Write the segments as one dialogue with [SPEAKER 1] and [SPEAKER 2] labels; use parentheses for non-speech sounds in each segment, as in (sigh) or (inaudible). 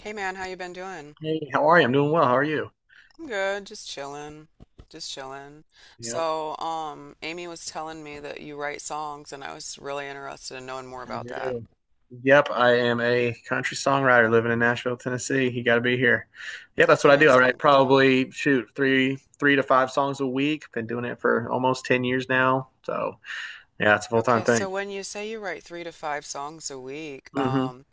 [SPEAKER 1] Hey man, how you been doing?
[SPEAKER 2] Hey, how are you? I'm doing well. How are you?
[SPEAKER 1] I'm good, just chilling.
[SPEAKER 2] Yep,
[SPEAKER 1] So, Amy was telling me that you write songs, and I was really interested in knowing more
[SPEAKER 2] I
[SPEAKER 1] about that.
[SPEAKER 2] do. Yep, I am a country songwriter living in Nashville, Tennessee. You got to be here. Yep, that's
[SPEAKER 1] That's
[SPEAKER 2] what I do. I write
[SPEAKER 1] amazing.
[SPEAKER 2] probably shoot three to five songs a week. Been doing it for almost 10 years now. So yeah, it's a full time
[SPEAKER 1] Okay,
[SPEAKER 2] thing.
[SPEAKER 1] so when you say you write three to five songs a week,
[SPEAKER 2] Hmm.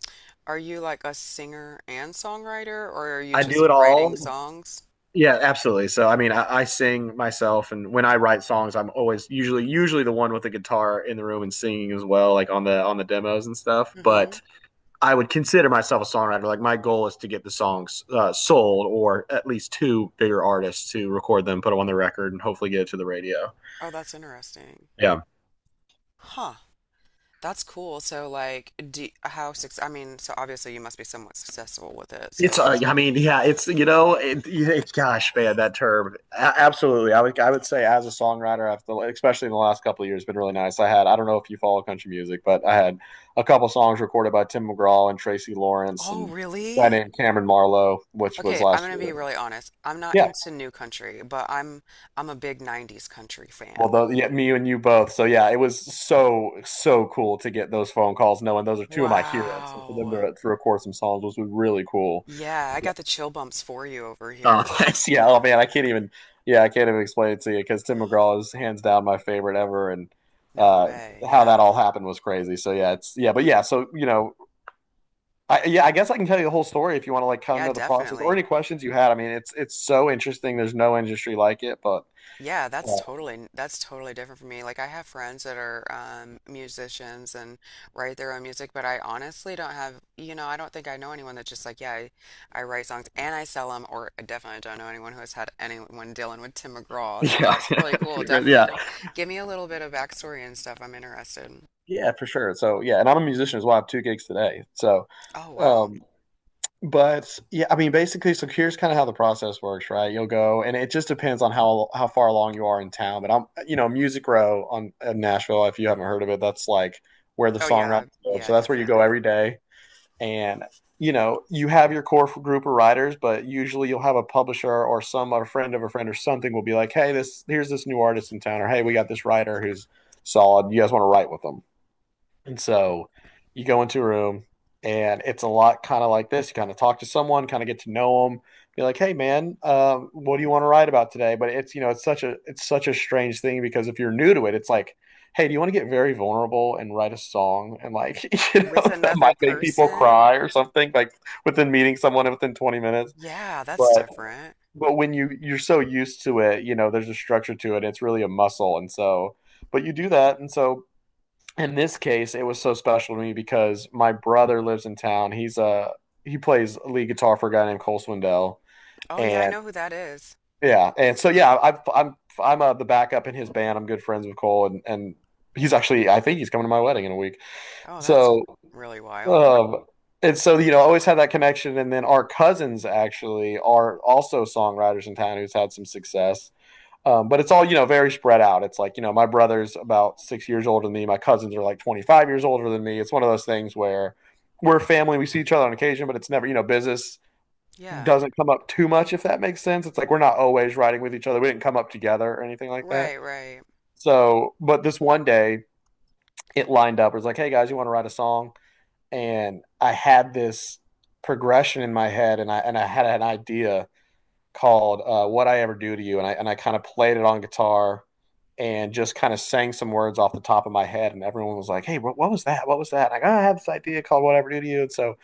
[SPEAKER 1] are you like a singer and songwriter, or are you
[SPEAKER 2] I do
[SPEAKER 1] just
[SPEAKER 2] it
[SPEAKER 1] writing
[SPEAKER 2] all.
[SPEAKER 1] songs?
[SPEAKER 2] Yeah, absolutely. So I mean, I sing myself, and when I write songs, I'm always usually the one with the guitar in the room and singing as well, like on the demos and stuff.
[SPEAKER 1] Mm-hmm.
[SPEAKER 2] But I would consider myself a songwriter. Like my goal is to get the songs sold, or at least two bigger artists to record them, put them on the record, and hopefully get it to the radio.
[SPEAKER 1] Oh, that's interesting.
[SPEAKER 2] Yeah,
[SPEAKER 1] Huh. That's cool. So, like, do, how success? I mean, so obviously you must be somewhat successful with it.
[SPEAKER 2] it's.
[SPEAKER 1] So,
[SPEAKER 2] I mean, yeah, it's, gosh, man, that term. Absolutely, I would say as a songwriter, I've, especially in the last couple of years, been really nice. I had. I don't know if you follow country music, but I had a couple songs recorded by Tim McGraw and Tracy Lawrence
[SPEAKER 1] oh,
[SPEAKER 2] and a guy
[SPEAKER 1] really?
[SPEAKER 2] named Cameron Marlowe, which was
[SPEAKER 1] Okay, I'm
[SPEAKER 2] last
[SPEAKER 1] gonna
[SPEAKER 2] year.
[SPEAKER 1] be really honest. I'm not
[SPEAKER 2] Yeah,
[SPEAKER 1] into new country, but I'm a big 90s country
[SPEAKER 2] well,
[SPEAKER 1] fan.
[SPEAKER 2] though, yeah, me and you both. So yeah, it was so cool to get those phone calls, knowing those are two of my heroes. So for them
[SPEAKER 1] Wow.
[SPEAKER 2] to record some songs was really cool.
[SPEAKER 1] Yeah, I
[SPEAKER 2] Yeah.
[SPEAKER 1] got the chill bumps for you over
[SPEAKER 2] Oh, (laughs)
[SPEAKER 1] here.
[SPEAKER 2] that's, yeah. Oh man, I can't even. Yeah, I can't even explain it to you because Tim McGraw is hands down my favorite ever, and
[SPEAKER 1] No
[SPEAKER 2] uh,
[SPEAKER 1] way.
[SPEAKER 2] how that
[SPEAKER 1] Yeah.
[SPEAKER 2] all happened was crazy. So yeah, it's yeah, but yeah. So I guess I can tell you the whole story if you want to like kind of
[SPEAKER 1] Yeah,
[SPEAKER 2] know the process or
[SPEAKER 1] definitely.
[SPEAKER 2] any questions you had. I mean, it's so interesting. There's no industry like it, but
[SPEAKER 1] Yeah, that's
[SPEAKER 2] uh,
[SPEAKER 1] totally that's totally different for me. Like I have friends that are musicians and write their own music, but I honestly don't have, you know, I don't think I know anyone that's just like, yeah, I write songs and I sell them, or I definitely don't know anyone who has had anyone dealing with Tim McGraw. So
[SPEAKER 2] yeah,
[SPEAKER 1] that's really cool.
[SPEAKER 2] (laughs) yeah.
[SPEAKER 1] Definitely give me a little bit of backstory and stuff. I'm interested.
[SPEAKER 2] Yeah, for sure. So yeah, and I'm a musician as well. I have two gigs today. So,
[SPEAKER 1] Oh wow.
[SPEAKER 2] um, but yeah, I mean, basically, so here's kind of how the process works, right? You'll go, and it just depends on how far along you are in town. But I'm, you know, Music Row on in Nashville. If you haven't heard of it, that's like where the
[SPEAKER 1] Oh
[SPEAKER 2] songwriters
[SPEAKER 1] yeah,
[SPEAKER 2] go.
[SPEAKER 1] yeah,
[SPEAKER 2] So that's where you go
[SPEAKER 1] definitely.
[SPEAKER 2] every day, and you know, you have your core group of writers, but usually you'll have a publisher or some a friend of a friend or something will be like, hey, this here's this new artist in town, or hey, we got this writer who's solid. You guys want to write with them? And so you go into a room, and it's a lot kind of like this. You kind of talk to someone, kind of get to know them, be like, "Hey, man, what do you want to write about today?" But it's, you know, it's such a strange thing, because if you're new to it, it's like, "Hey, do you want to get very vulnerable and write a song?" And like, (laughs) you know
[SPEAKER 1] With
[SPEAKER 2] that
[SPEAKER 1] another
[SPEAKER 2] might make people
[SPEAKER 1] person?
[SPEAKER 2] cry or something. Like within meeting someone within 20 minutes,
[SPEAKER 1] Yeah, that's
[SPEAKER 2] but
[SPEAKER 1] different.
[SPEAKER 2] when you're so used to it, you know there's a structure to it. It's really a muscle, and so but you do that, and so in this case, it was so special to me because my brother lives in town. He plays lead guitar for a guy named Cole Swindell,
[SPEAKER 1] Oh yeah, I
[SPEAKER 2] and
[SPEAKER 1] know who that is.
[SPEAKER 2] yeah, and so yeah, I'm the backup in his band. I'm good friends with Cole, and he's actually, I think, he's coming to my wedding in a week.
[SPEAKER 1] Oh, that's
[SPEAKER 2] So
[SPEAKER 1] really wild.
[SPEAKER 2] um, and so, you know, I always had that connection. And then our cousins actually are also songwriters in town who's had some success. But it's all, you know, very spread out. It's like, you know, my brother's about 6 years older than me. My cousins are like 25 years older than me. It's one of those things where we're family. We see each other on occasion, but it's never, you know, business
[SPEAKER 1] Yeah.
[SPEAKER 2] doesn't come up too much, if that makes sense. It's like we're not always riding with each other. We didn't come up together or anything like that.
[SPEAKER 1] Right, right.
[SPEAKER 2] So, but this one day it lined up. It was like, hey guys, you want to write a song? And I had this progression in my head, and I had an idea called "What I Ever Do to You," and I kind of played it on guitar and just kind of sang some words off the top of my head. And everyone was like, "Hey, what was that? What was that?" Like, oh, I had this idea called "What I Ever Do to You," and so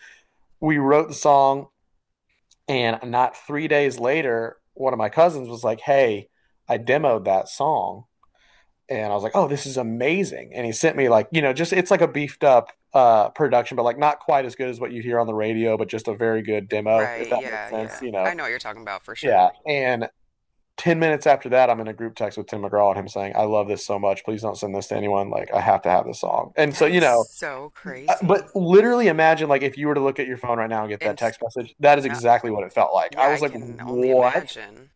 [SPEAKER 2] we wrote the song. And not 3 days later, one of my cousins was like, "Hey, I demoed that song," and I was like, "Oh, this is amazing!" And he sent me like, you know, just, it's like a beefed up production, but like not quite as good as what you hear on the radio, but just a very good demo, if
[SPEAKER 1] Right.
[SPEAKER 2] that makes
[SPEAKER 1] Yeah,
[SPEAKER 2] sense,
[SPEAKER 1] yeah.
[SPEAKER 2] you know.
[SPEAKER 1] I know what you're talking about for sure.
[SPEAKER 2] Yeah, and 10 minutes after that, I'm in a group text with Tim McGraw and him saying, I love this so much. Please don't send this to anyone. Like, I have to have this song. And
[SPEAKER 1] That
[SPEAKER 2] so, you
[SPEAKER 1] is
[SPEAKER 2] know,
[SPEAKER 1] so crazy.
[SPEAKER 2] but literally imagine, like, if you were to look at your phone right now and get that
[SPEAKER 1] And s-
[SPEAKER 2] text message, that is
[SPEAKER 1] no,
[SPEAKER 2] exactly what it felt like. I
[SPEAKER 1] yeah, I
[SPEAKER 2] was like,
[SPEAKER 1] can only
[SPEAKER 2] what?
[SPEAKER 1] imagine.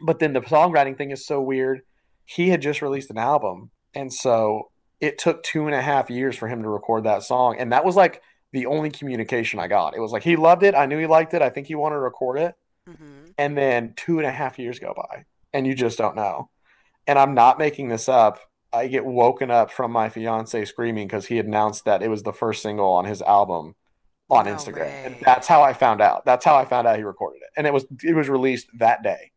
[SPEAKER 2] But then the songwriting thing is so weird. He had just released an album. And so it took 2.5 years for him to record that song. And that was like the only communication I got. It was like, he loved it. I knew he liked it. I think he wanted to record it.
[SPEAKER 1] Hmm.
[SPEAKER 2] And then 2.5 years go by, and you just don't know, and I'm not making this up. I get woken up from my fiance screaming because he announced that it was the first single on his album on
[SPEAKER 1] No
[SPEAKER 2] Instagram, and
[SPEAKER 1] way.
[SPEAKER 2] that's how I found out. That's how I found out he recorded it, and it was released that day.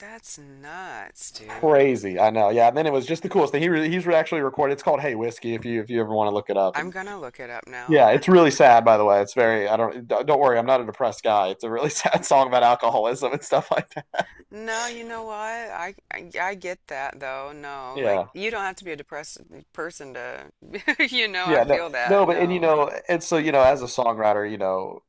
[SPEAKER 1] That's nuts, dude.
[SPEAKER 2] Crazy, I know. Yeah, and then it was just the coolest thing. He's actually recorded. It's called Hey Whiskey. If you ever want to look it up,
[SPEAKER 1] I'm
[SPEAKER 2] and
[SPEAKER 1] gonna look it up now.
[SPEAKER 2] yeah,
[SPEAKER 1] (laughs)
[SPEAKER 2] it's really sad. By the way, it's very. I don't worry. I'm not a depressed guy. It's a really (laughs) sad song about alcoholism and stuff like that.
[SPEAKER 1] No, you know what? I get that though. No, like
[SPEAKER 2] Yeah.
[SPEAKER 1] you don't have to be a depressed person to, (laughs) you know, I
[SPEAKER 2] Yeah, no,
[SPEAKER 1] feel that.
[SPEAKER 2] no, but and,
[SPEAKER 1] No.
[SPEAKER 2] and so, as a songwriter,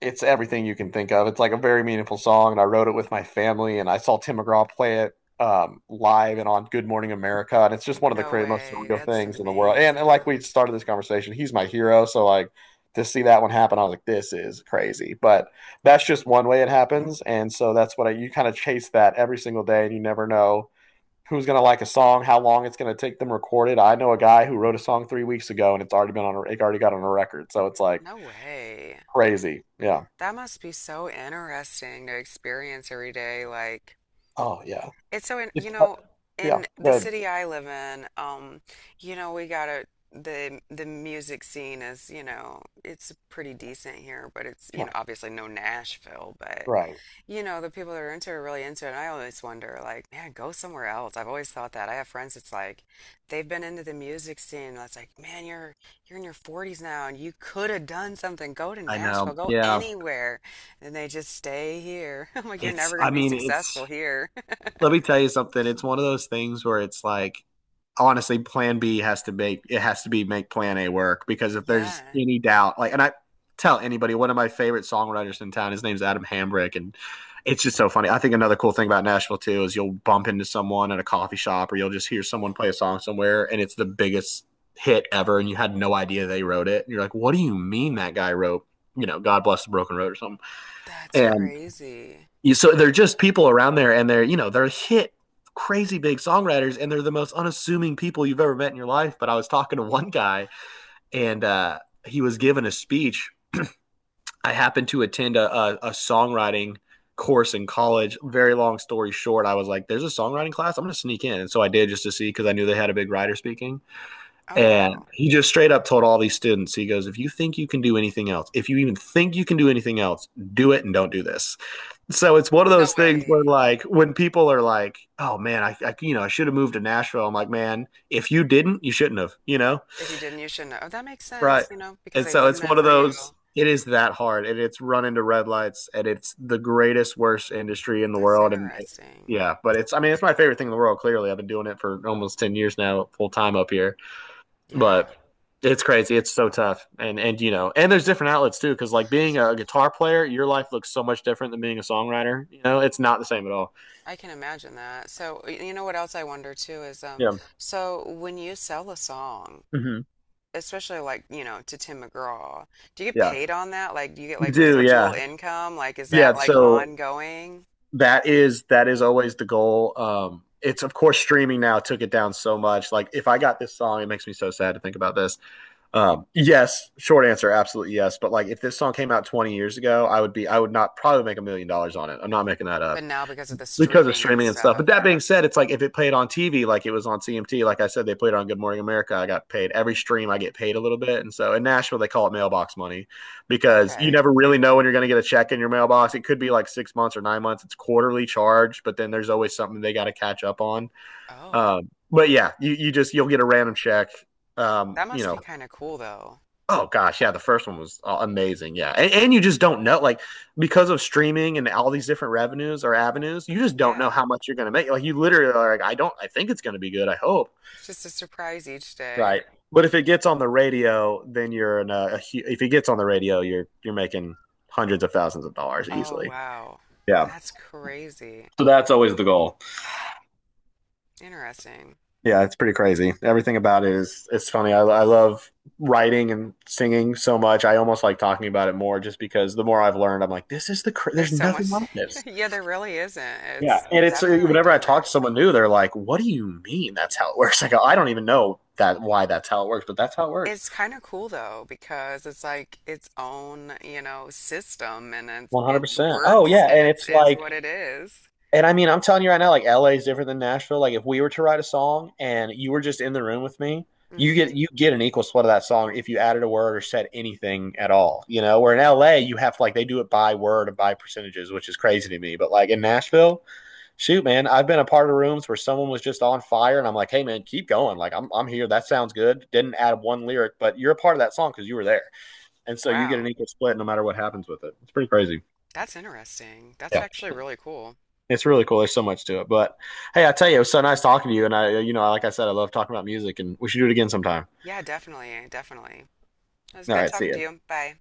[SPEAKER 2] it's everything you can think of. It's like a very meaningful song, and I wrote it with my family, and I saw Tim McGraw play it live and on Good Morning America, and it's just one of the
[SPEAKER 1] No
[SPEAKER 2] most
[SPEAKER 1] way.
[SPEAKER 2] surreal
[SPEAKER 1] That's
[SPEAKER 2] things in the world. And like we
[SPEAKER 1] amazing.
[SPEAKER 2] started this conversation, he's my hero, so like, to see that one happen, I was like, this is crazy. But that's just one way it happens, and so you kind of chase that every single day, and you never know who's going to like a song, how long it's going to take them recorded. I know a guy who wrote a song 3 weeks ago, and it's already been on, it already got on a record, so it's like
[SPEAKER 1] No way.
[SPEAKER 2] crazy, yeah.
[SPEAKER 1] That must be so interesting to experience every day. Like,
[SPEAKER 2] Oh yeah.
[SPEAKER 1] it's so, in,
[SPEAKER 2] It's,
[SPEAKER 1] you know,
[SPEAKER 2] yeah,
[SPEAKER 1] in the
[SPEAKER 2] good.
[SPEAKER 1] city I live in, you know, we got a the music scene is, you know, it's pretty decent here, but it's, you know, obviously no Nashville, but
[SPEAKER 2] Right.
[SPEAKER 1] you know, the people that are into it are really into it. And I always wonder, like, man, go somewhere else. I've always thought that. I have friends that's like, they've been into the music scene. And it's like, man, you're in your 40s now, and you could have done something. Go to
[SPEAKER 2] I
[SPEAKER 1] Nashville,
[SPEAKER 2] know.
[SPEAKER 1] go
[SPEAKER 2] Yeah.
[SPEAKER 1] anywhere, and they just stay here. (laughs) I'm like, you're never going
[SPEAKER 2] I
[SPEAKER 1] to be
[SPEAKER 2] mean,
[SPEAKER 1] successful here. (laughs)
[SPEAKER 2] let me tell you something. It's one of those things where it's like, honestly, plan B has to be make plan A work, because if there's
[SPEAKER 1] Yeah,
[SPEAKER 2] any doubt, like, and I tell anybody, one of my favorite songwriters in town, his name's Adam Hambrick, and it's just so funny. I think another cool thing about Nashville too is, you'll bump into someone at a coffee shop, or you'll just hear someone play a song somewhere, and it's the biggest hit ever, and you had no idea they wrote it, and you're like, what do you mean that guy wrote, God Bless the Broken Road, or something?
[SPEAKER 1] that's
[SPEAKER 2] And
[SPEAKER 1] crazy.
[SPEAKER 2] so they're just people around there, and they're you know they're hit crazy big songwriters, and they're the most unassuming people you've ever met in your life. But I was talking to one guy, and he was giving a speech. I happened to attend a songwriting course in college. Very long story short, I was like, "There's a songwriting class. "I'm going to sneak in," and so I did just to see because I knew they had a big writer speaking.
[SPEAKER 1] Oh
[SPEAKER 2] And
[SPEAKER 1] wow,
[SPEAKER 2] he just straight up told all these students, he goes, "If you think you can do anything else, if you even think you can do anything else, do it and don't do this." So it's one of
[SPEAKER 1] no
[SPEAKER 2] those things where,
[SPEAKER 1] way.
[SPEAKER 2] like, when people are like, "Oh man, I I should have moved to Nashville," I'm like, "Man, if you didn't, you shouldn't have," you know?
[SPEAKER 1] If you didn't, you shouldn't. Have. Oh, that makes
[SPEAKER 2] Right.
[SPEAKER 1] sense. You know, because
[SPEAKER 2] And
[SPEAKER 1] they
[SPEAKER 2] so
[SPEAKER 1] wasn't
[SPEAKER 2] it's one
[SPEAKER 1] meant
[SPEAKER 2] of
[SPEAKER 1] for you.
[SPEAKER 2] those. It is that hard, and it's run into red lights, and it's the greatest worst industry in the
[SPEAKER 1] That's
[SPEAKER 2] world, and it,
[SPEAKER 1] interesting.
[SPEAKER 2] yeah, but it's I mean it's my favorite thing in the world. Clearly, I've been doing it for almost 10 years now, full time up here. But
[SPEAKER 1] Yeah.
[SPEAKER 2] it's crazy. It's so tough, and and there's different outlets too. Because like being a guitar player, your life looks so much different than being a songwriter. You know, it's not the same at all.
[SPEAKER 1] I can imagine that. So, y- you know what else I wonder too is
[SPEAKER 2] Yeah.
[SPEAKER 1] so when you sell a song,
[SPEAKER 2] Hmm.
[SPEAKER 1] especially like, you know, to Tim McGraw, do you get
[SPEAKER 2] Yeah.
[SPEAKER 1] paid on that? Like, do you get
[SPEAKER 2] You
[SPEAKER 1] like
[SPEAKER 2] do.
[SPEAKER 1] residual
[SPEAKER 2] Yeah.
[SPEAKER 1] income? Like, is
[SPEAKER 2] Yeah.
[SPEAKER 1] that like
[SPEAKER 2] So
[SPEAKER 1] ongoing?
[SPEAKER 2] that is always the goal. It's of course streaming now took it down so much. Like if I got this song, it makes me so sad to think about this. Yes, short answer, absolutely yes. But like if this song came out 20 years ago, I would not probably make $1 million on it. I'm not making that
[SPEAKER 1] But
[SPEAKER 2] up.
[SPEAKER 1] now because of the
[SPEAKER 2] Because of
[SPEAKER 1] streaming and
[SPEAKER 2] streaming and stuff. But
[SPEAKER 1] stuff.
[SPEAKER 2] that being said, it's like if it played on TV, like it was on CMT, like I said, they played on Good Morning America. I got paid every stream. I get paid a little bit, and so in Nashville they call it mailbox money because you
[SPEAKER 1] Okay.
[SPEAKER 2] never really know when you're going to get a check in your mailbox. It could be like 6 months or 9 months. It's quarterly charged, but then there's always something they got to catch up on.
[SPEAKER 1] Oh,
[SPEAKER 2] But yeah, you just you'll get a random check. Um,
[SPEAKER 1] that
[SPEAKER 2] you
[SPEAKER 1] must be
[SPEAKER 2] know,
[SPEAKER 1] kind of cool though.
[SPEAKER 2] Oh gosh, yeah, the first one was amazing. Yeah, and you just don't know, like, because of streaming and all these different revenues or avenues, you just don't know
[SPEAKER 1] Yeah.
[SPEAKER 2] how much you're going to make. Like, you literally are like, I don't, I think it's going to be good. I hope,
[SPEAKER 1] It's just a surprise each
[SPEAKER 2] right?
[SPEAKER 1] day.
[SPEAKER 2] But if it gets on the radio, then you're in a if it gets on the radio, you're making hundreds of thousands of dollars
[SPEAKER 1] Oh,
[SPEAKER 2] easily.
[SPEAKER 1] wow.
[SPEAKER 2] Yeah.
[SPEAKER 1] That's crazy.
[SPEAKER 2] So that's always the goal.
[SPEAKER 1] Interesting.
[SPEAKER 2] Yeah, it's pretty crazy. Everything about it is it's funny. I love writing and singing so much. I almost like talking about it more just because the more I've learned, I'm like, this is the
[SPEAKER 1] There's
[SPEAKER 2] there's
[SPEAKER 1] so
[SPEAKER 2] nothing
[SPEAKER 1] much.
[SPEAKER 2] like
[SPEAKER 1] (laughs)
[SPEAKER 2] this.
[SPEAKER 1] Yeah, there really isn't.
[SPEAKER 2] Yeah,
[SPEAKER 1] It's
[SPEAKER 2] and it's
[SPEAKER 1] definitely
[SPEAKER 2] whenever I talk to
[SPEAKER 1] different.
[SPEAKER 2] someone new, they're like, "What do you mean? That's how it works?" (laughs) I go, "I don't even know that why that's how it works, but that's how it works."
[SPEAKER 1] It's kind of cool though because it's like its own, you know, system and it
[SPEAKER 2] One hundred
[SPEAKER 1] it's
[SPEAKER 2] percent. Oh
[SPEAKER 1] works
[SPEAKER 2] yeah,
[SPEAKER 1] and
[SPEAKER 2] and
[SPEAKER 1] it's
[SPEAKER 2] it's
[SPEAKER 1] is
[SPEAKER 2] like
[SPEAKER 1] what it is.
[SPEAKER 2] And I mean, I'm telling you right now, like LA is different than Nashville. Like if we were to write a song and you were just in the room with me, you get
[SPEAKER 1] Mm-hmm.
[SPEAKER 2] you get an equal split of that song if you added a word or said anything at all. You know, where in LA you have to like they do it by word and by percentages, which is crazy to me. But like in Nashville, shoot, man, I've been a part of rooms where someone was just on fire and I'm like, hey man, keep going. Like I'm here. That sounds good. Didn't add one lyric, but you're a part of that song because you were there. And so you get an
[SPEAKER 1] Wow.
[SPEAKER 2] equal split no matter what happens with it. It's pretty crazy.
[SPEAKER 1] That's interesting. That's actually really cool.
[SPEAKER 2] It's really cool. There's so much to it. But hey, I tell you, it was so nice talking to you. And like I said, I love talking about music and we should do it again sometime.
[SPEAKER 1] Yeah, definitely, definitely. It was
[SPEAKER 2] All
[SPEAKER 1] good
[SPEAKER 2] right. See
[SPEAKER 1] talking
[SPEAKER 2] ya.
[SPEAKER 1] to you. Bye.